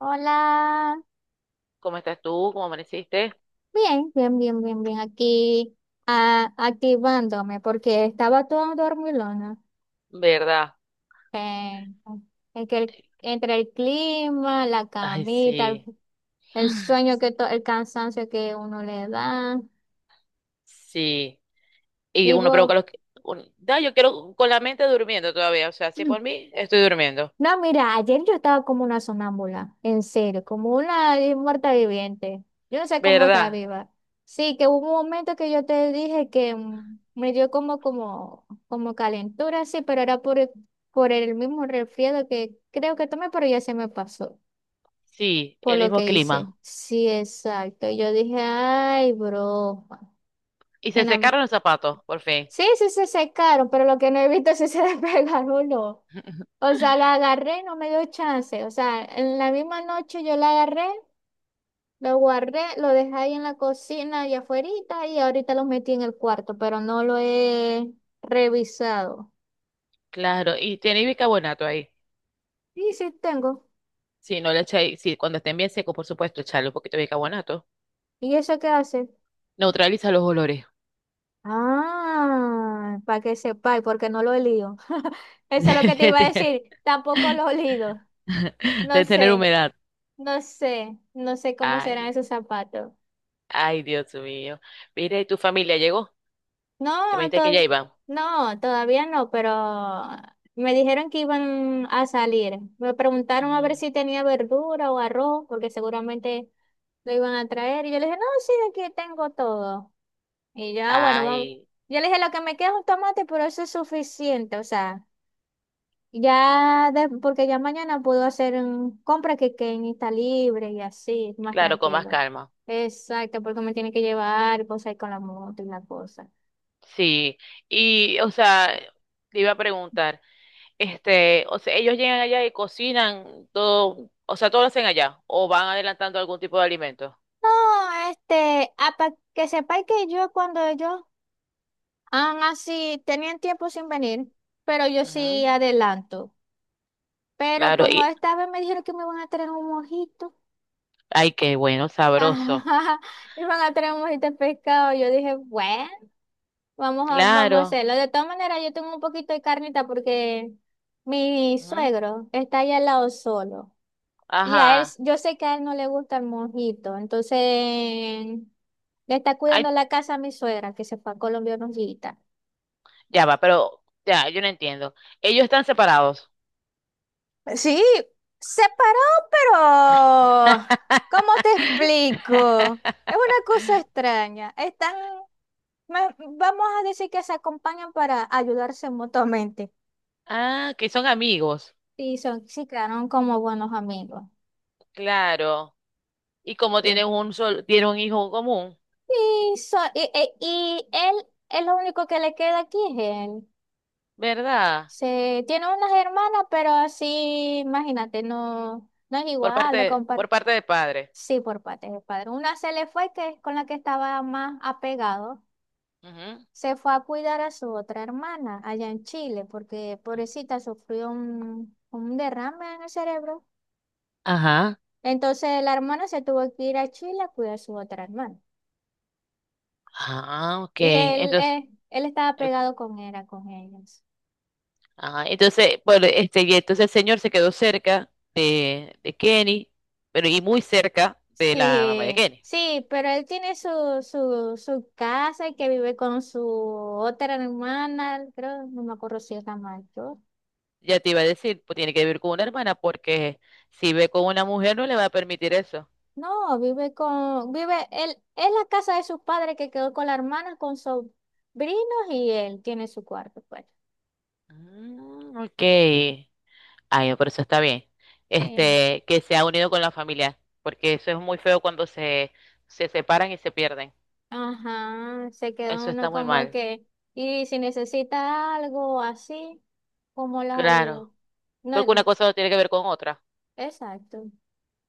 Hola, ¿Cómo estás tú? ¿Cómo amaneciste? bien, bien, bien, bien, bien, aquí ah, activándome porque estaba toda dormilona. ¿Verdad? Eh, en que el- entre el clima, la Ay, camita, sí. el sueño el cansancio que uno le da. Sí. Y ¿Y uno vos? provoca los... yo quiero con la mente durmiendo todavía. O sea, si por mí, estoy durmiendo. No, mira, ayer yo estaba como una sonámbula, en serio, como una muerta viviente. Yo no sé cómo estaba ¿Verdad? viva. Sí, que hubo un momento que yo te dije que me dio como calentura, sí, pero era por el mismo resfriado que creo que tomé, pero ya se me pasó Sí, por el lo mismo que hice. clima. Sí, exacto. Y yo dije, ay, broma. Y Que se na- secaron los zapatos, por fin. Sí, sí se secaron, pero lo que no he visto es si se despegaron o no. O sea, la agarré y no me dio chance. O sea, en la misma noche yo la agarré, lo guardé, lo dejé ahí en la cocina y afuerita, y ahorita lo metí en el cuarto, pero no lo he revisado. Claro, y tiene bicarbonato ahí. Sí, sí tengo. Sí, no le echáis, sí, cuando estén bien secos, por supuesto, echarle un poquito de bicarbonato. ¿Y eso qué hace? Neutraliza los olores. Ah, para que sepáis, porque no lo he leído. Eso es lo que te iba a Tener decir. Tampoco lo he leído. No de tener sé, humedad. no sé, no sé cómo serán Ay, esos zapatos. Ay, Dios mío. Mire, ¿y tu familia llegó? Que me No, dijiste que ya to- iba. no, todavía no, pero me dijeron que iban a salir. Me preguntaron a Ujú. ver si tenía verdura o arroz, porque seguramente lo iban a traer. Y yo le dije, no, sí, aquí tengo todo. Y ya, bueno, vamos. Ay, Yo le dije, lo que me queda es un tomate, pero eso es suficiente. O sea, ya, porque ya mañana puedo hacer un compra que está libre y así, más claro, con más tranquilo. calma. Exacto, porque me tiene que llevar cosas ahí con la moto y la cosa. Sí. Y, o sea, te iba a preguntar, este, o sea, ellos llegan allá y cocinan todo, o sea, todo lo hacen allá, o van adelantando algún tipo de alimento. No, este, para que sepáis que yo cuando ellos han así, tenían tiempo sin venir, pero yo sí Ujú. adelanto. Pero Claro, como y, esta vez me dijeron que me iban a traer un mojito, ay, qué bueno, sabroso. ajá, iban a traer un mojito de pescado, yo dije, bueno, vamos a Claro. hacerlo. De todas maneras, yo tengo un poquito de carnita porque mi Ujú. suegro está ahí al lado solo. Y a él, Ajá. yo sé que a él no le gusta el mojito. Entonces, le está Ay, cuidando la casa a mi suegra, que se fue a Colombia unos días. ya va, pero ya, yo no entiendo. Ellos están separados. Sí, se paró, pero ¿cómo te explico? Es una cosa extraña. Están, vamos a decir que se acompañan para ayudarse mutuamente. Ah, que son amigos, Y son, se quedaron como buenos amigos. claro. Y como Eh, tienen un sol, tienen un hijo común, y él es lo único que le queda aquí, es él. ¿verdad? Se, tiene unas hermanas, pero así, imagínate, no, no es igual, lo compar Por parte de padre. Sí, por parte de padre. Una se le fue, que es con la que estaba más apegado. Ujú. Se fue a cuidar a su otra hermana allá en Chile, porque pobrecita sufrió un derrame en el cerebro. Ajá. Entonces la hermana se tuvo que ir a Chile a cuidar a su otra hermana. Ah, ok. Y él, Entonces, él estaba eh, pegado con era con ellos. ah, entonces, bueno, este, y entonces el señor se quedó cerca de Kenny, pero y muy cerca de la mamá de Sí, Kenny. sí, pero él tiene su casa y que vive con su otra hermana, creo, no me acuerdo si es la mayor. Ya te iba a decir, pues tiene que vivir con una hermana porque si ve con una mujer no le va a permitir eso. No, vive con, vive, él, es la casa de sus padres que quedó con la hermana, con sobrinos, y él tiene su cuarto, pues. Mm, ok. Ay, por eso está bien. Sí. Este, que se ha unido con la familia, porque eso es muy feo cuando se separan y se pierden. Ajá, se quedó Eso uno está muy como mal. que, y si necesita algo así, ¿cómo los ayudo? Claro. No, Porque una cosa no tiene que ver con otra, exacto.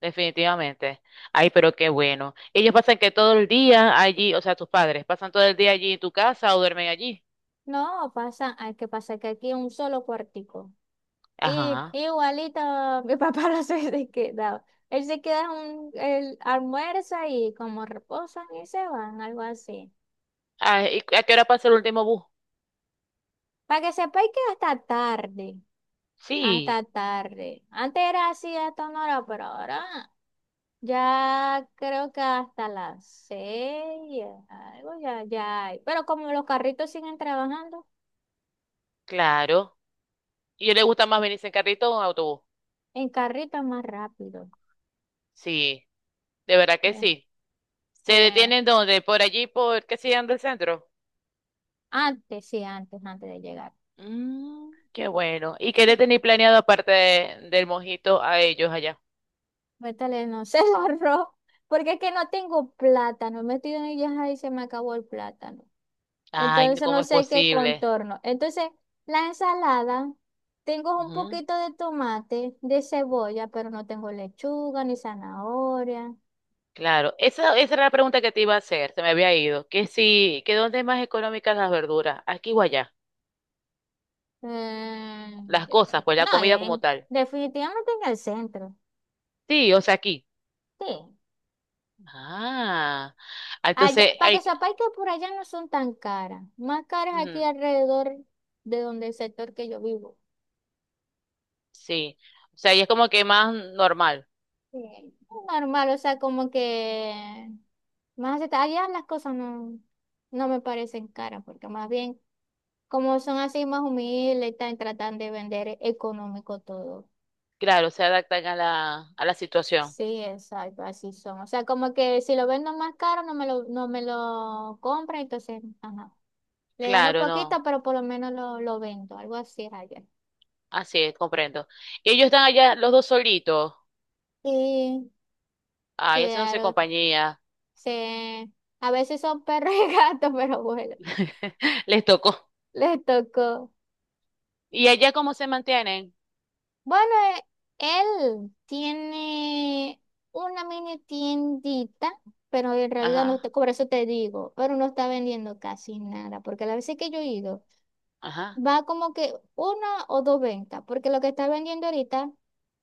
definitivamente. Ay, pero qué bueno. Ellos pasan que todo el día allí, o sea, tus padres, pasan todo el día allí en tu casa o duermen allí. No, pasa, hay que pasa que aquí un solo cuartico. Y Ajá. igualito mi papá no se quedaba. Él se queda un, él almuerza y como reposan y se van, algo así. Ay, ¿y a qué hora pasa el último bus? Para que sepáis que hasta tarde, Sí, hasta tarde. Antes era así hasta una hora, pero ahora ya creo que hasta las 6, algo ya, ya hay. Pero como los carritos siguen trabajando, claro. ¿Y a él le gusta más venirse en carrito o en autobús? en carrito es más rápido. Sí, de verdad que Eh, sí. ¿Se que detienen dónde? ¿Por allí, por qué sigan del centro? Antes, sí, antes de llegar. Mm, qué bueno. ¿Y qué le tenéis planeado aparte del mojito a ellos allá? Métale, no sé, el arroz, porque es que no tengo plátano, metido en ellas y se me acabó el plátano. Ay, Entonces ¿cómo no es sé qué posible? contorno. Entonces, la ensalada, tengo un Ujú. poquito de tomate, de cebolla, pero no tengo lechuga ni zanahoria. Claro, esa era la pregunta que te iba a hacer, se me había ido. Que si, que dónde es más económicas las verduras, aquí o allá, Eh, las cosas, pues la no, comida como tal. definitivamente en el centro. Sí, o sea, aquí. Sí. Ah, ah, entonces, Para que hay, sepáis que por allá no son tan caras, más caras aquí ujú, alrededor de donde el sector que yo vivo. sí, o sea, y es como que más normal, Sí. Normal, o sea, como que allá las cosas no me parecen caras, porque más bien como son así más humildes, están tratando de vender económico todo. claro, se adaptan a la situación. Sí, exacto, así son. O sea, como que si lo vendo más caro no me lo compra, entonces, ajá. Le gano Claro, no. poquito, pero por lo menos lo vendo, algo así es allá. Así es, comprendo. Y ellos están allá los dos solitos. Sí, Ay, haciéndose Quedaron, compañía. se, a veces son perros y gatos, pero bueno, Les tocó. les tocó. ¿Y allá cómo se mantienen? Bueno, eh, él tiene una mini tiendita, pero en realidad no está, Ajá, por eso te digo, pero no está vendiendo casi nada, porque la veces que yo he ido, ajá. va como que una o dos ventas, porque lo que está vendiendo ahorita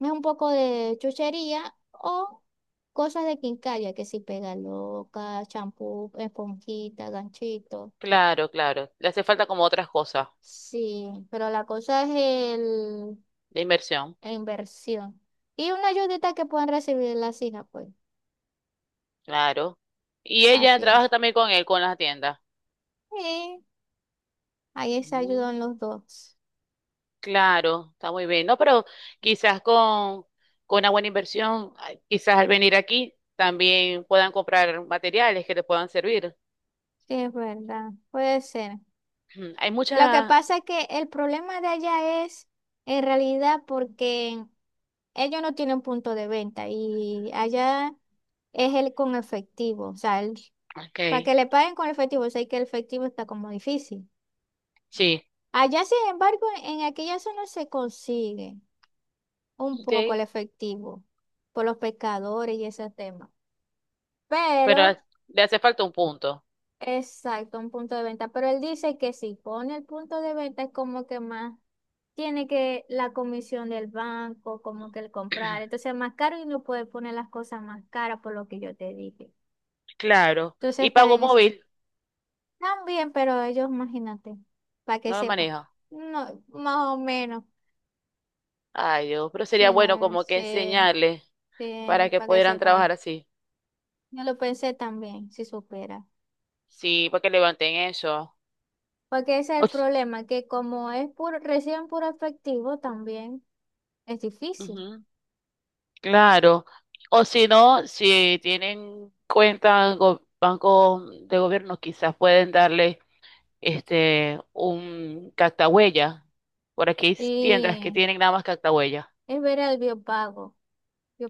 es un poco de chuchería o cosas de quincalla, que si pega loca, champú, esponjita, ganchito. Claro, claro. Le hace falta como otras cosas Sí, pero la cosa es de inversión. la inversión. Y una ayudita que puedan recibir las hijas, pues. Claro. Y ella Así trabaja es. también con él, con las tiendas. Sí, ahí se Mm, ayudan los dos. claro, está muy bien. No, pero quizás con una buena inversión, ay, quizás al venir aquí también puedan comprar materiales que te puedan servir. Sí, es verdad. Puede ser. Mm, hay Lo que muchas. pasa es que el problema de allá es, en realidad, porque ellos no tienen punto de venta y allá es el con efectivo. O sea, Ok, para que le paguen con efectivo, sé que el efectivo está como difícil. sí. Allá, sin embargo, en aquella zona se consigue un Ok, poco al efectivo por los pescadores y ese tema. pero a- Pero, le hace falta un punto. exacto, un punto de venta. Pero él dice que si pone el punto de venta es como que más tiene que la comisión del banco, como que el comprar. Entonces es más caro y no puede poner las cosas más caras por lo que yo te dije. Claro. Entonces Y está pago en esa. móvil, También, pero ellos, imagínate, para que no lo sepa. maneja. No, más o menos. Ay, Dios, pero sería Sí, bueno no, como que sí, enseñarle para sí, que para que pudieran sepa. trabajar así. Yo lo pensé también, si supera. Sí, para que levanten eso. Porque ese es O el s- problema, que como es puro, reciben puro efectivo también, es difícil. ujú, claro. O si no, si tienen cuenta en banco de gobierno, quizás pueden darle este un cactahuella. Por aquí hay tiendas que Y tienen nada más cactahuella. es ver el biopago.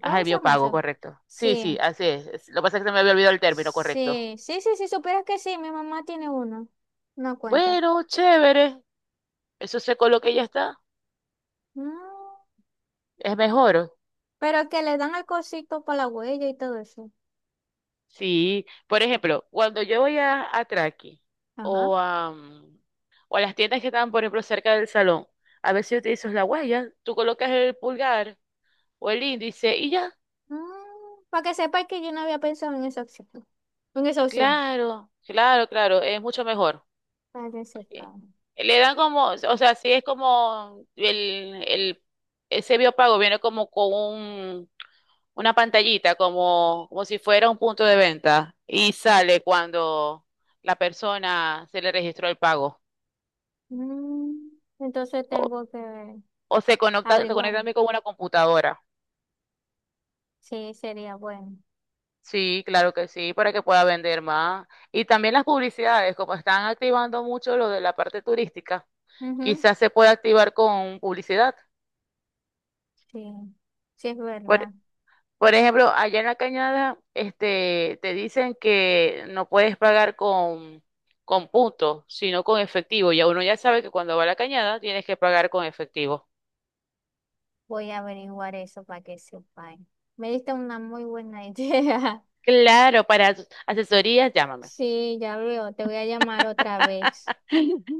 Ajá, el se llama biopago, eso? correcto. Sí, sí, Sí, así es. Es... Lo que pasa es que se me había olvidado el término, correcto. sí, sí, sí, sí, supieras que sí, mi mamá tiene uno, no cuenta. Bueno, chévere. Eso se coloca y ya está. Mm, Es mejor. pero que le dan el cosito para la huella y todo eso. Sí. Por ejemplo, cuando yo voy a Traqui Ajá. o a, mm, o a las tiendas que están, por ejemplo, cerca del salón, a veces utilizas la huella. Tú colocas el pulgar o el índice y ya. Para que sepa que yo no había pensado en esa opción. En esa opción. Claro, claro, claro. Es mucho mejor. Para que sepa. Eh, Le dan como, o sea, si es como el, ese biopago viene como con un una pantallita como, como si fuera un punto de venta y sale cuando la persona se le registró el pago Mm, entonces o, tengo que o se averiguar. conecta también con una computadora. Sí, sería bueno. Sí, claro que sí, para que pueda vender más. Y también las publicidades, como están activando mucho lo de la parte turística, Ujú, quizás se pueda activar con publicidad. sí, sí es verdad. Por ejemplo, allá en la Cañada, este, te dicen que no puedes pagar con puntos, sino con efectivo. Ya uno ya sabe que cuando va a la Cañada tienes que pagar con efectivo. Voy a averiguar eso para que sepa. Me diste una muy buena idea. Claro, para asesorías, llámame. Sí, ya veo. Te voy a llamar otra vez.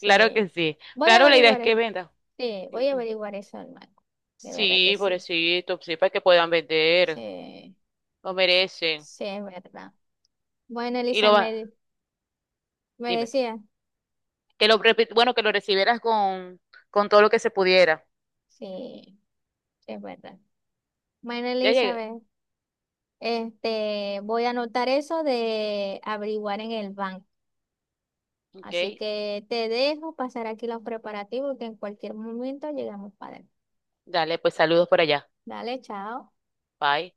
Claro que sí. Voy a Claro, la idea averiguar. es que venda. Sí, voy a averiguar eso, hermano. De verdad que Sí, sí. pobrecito, sí, para que puedan vender. Sí, Lo merecen. sí es verdad. Bueno, Y lo va, Elizabeth, me dime. decía. Que lo, bueno, que lo recibieras con todo lo que se pudiera. Sí, sí es verdad. Bueno, Ya llegué. Elizabeth, este, voy a anotar eso de averiguar en el banco. Ok. Así que te dejo pasar aquí los preparativos que en cualquier momento llegamos para él. Dale, pues saludos por allá. Dale, chao. Bye.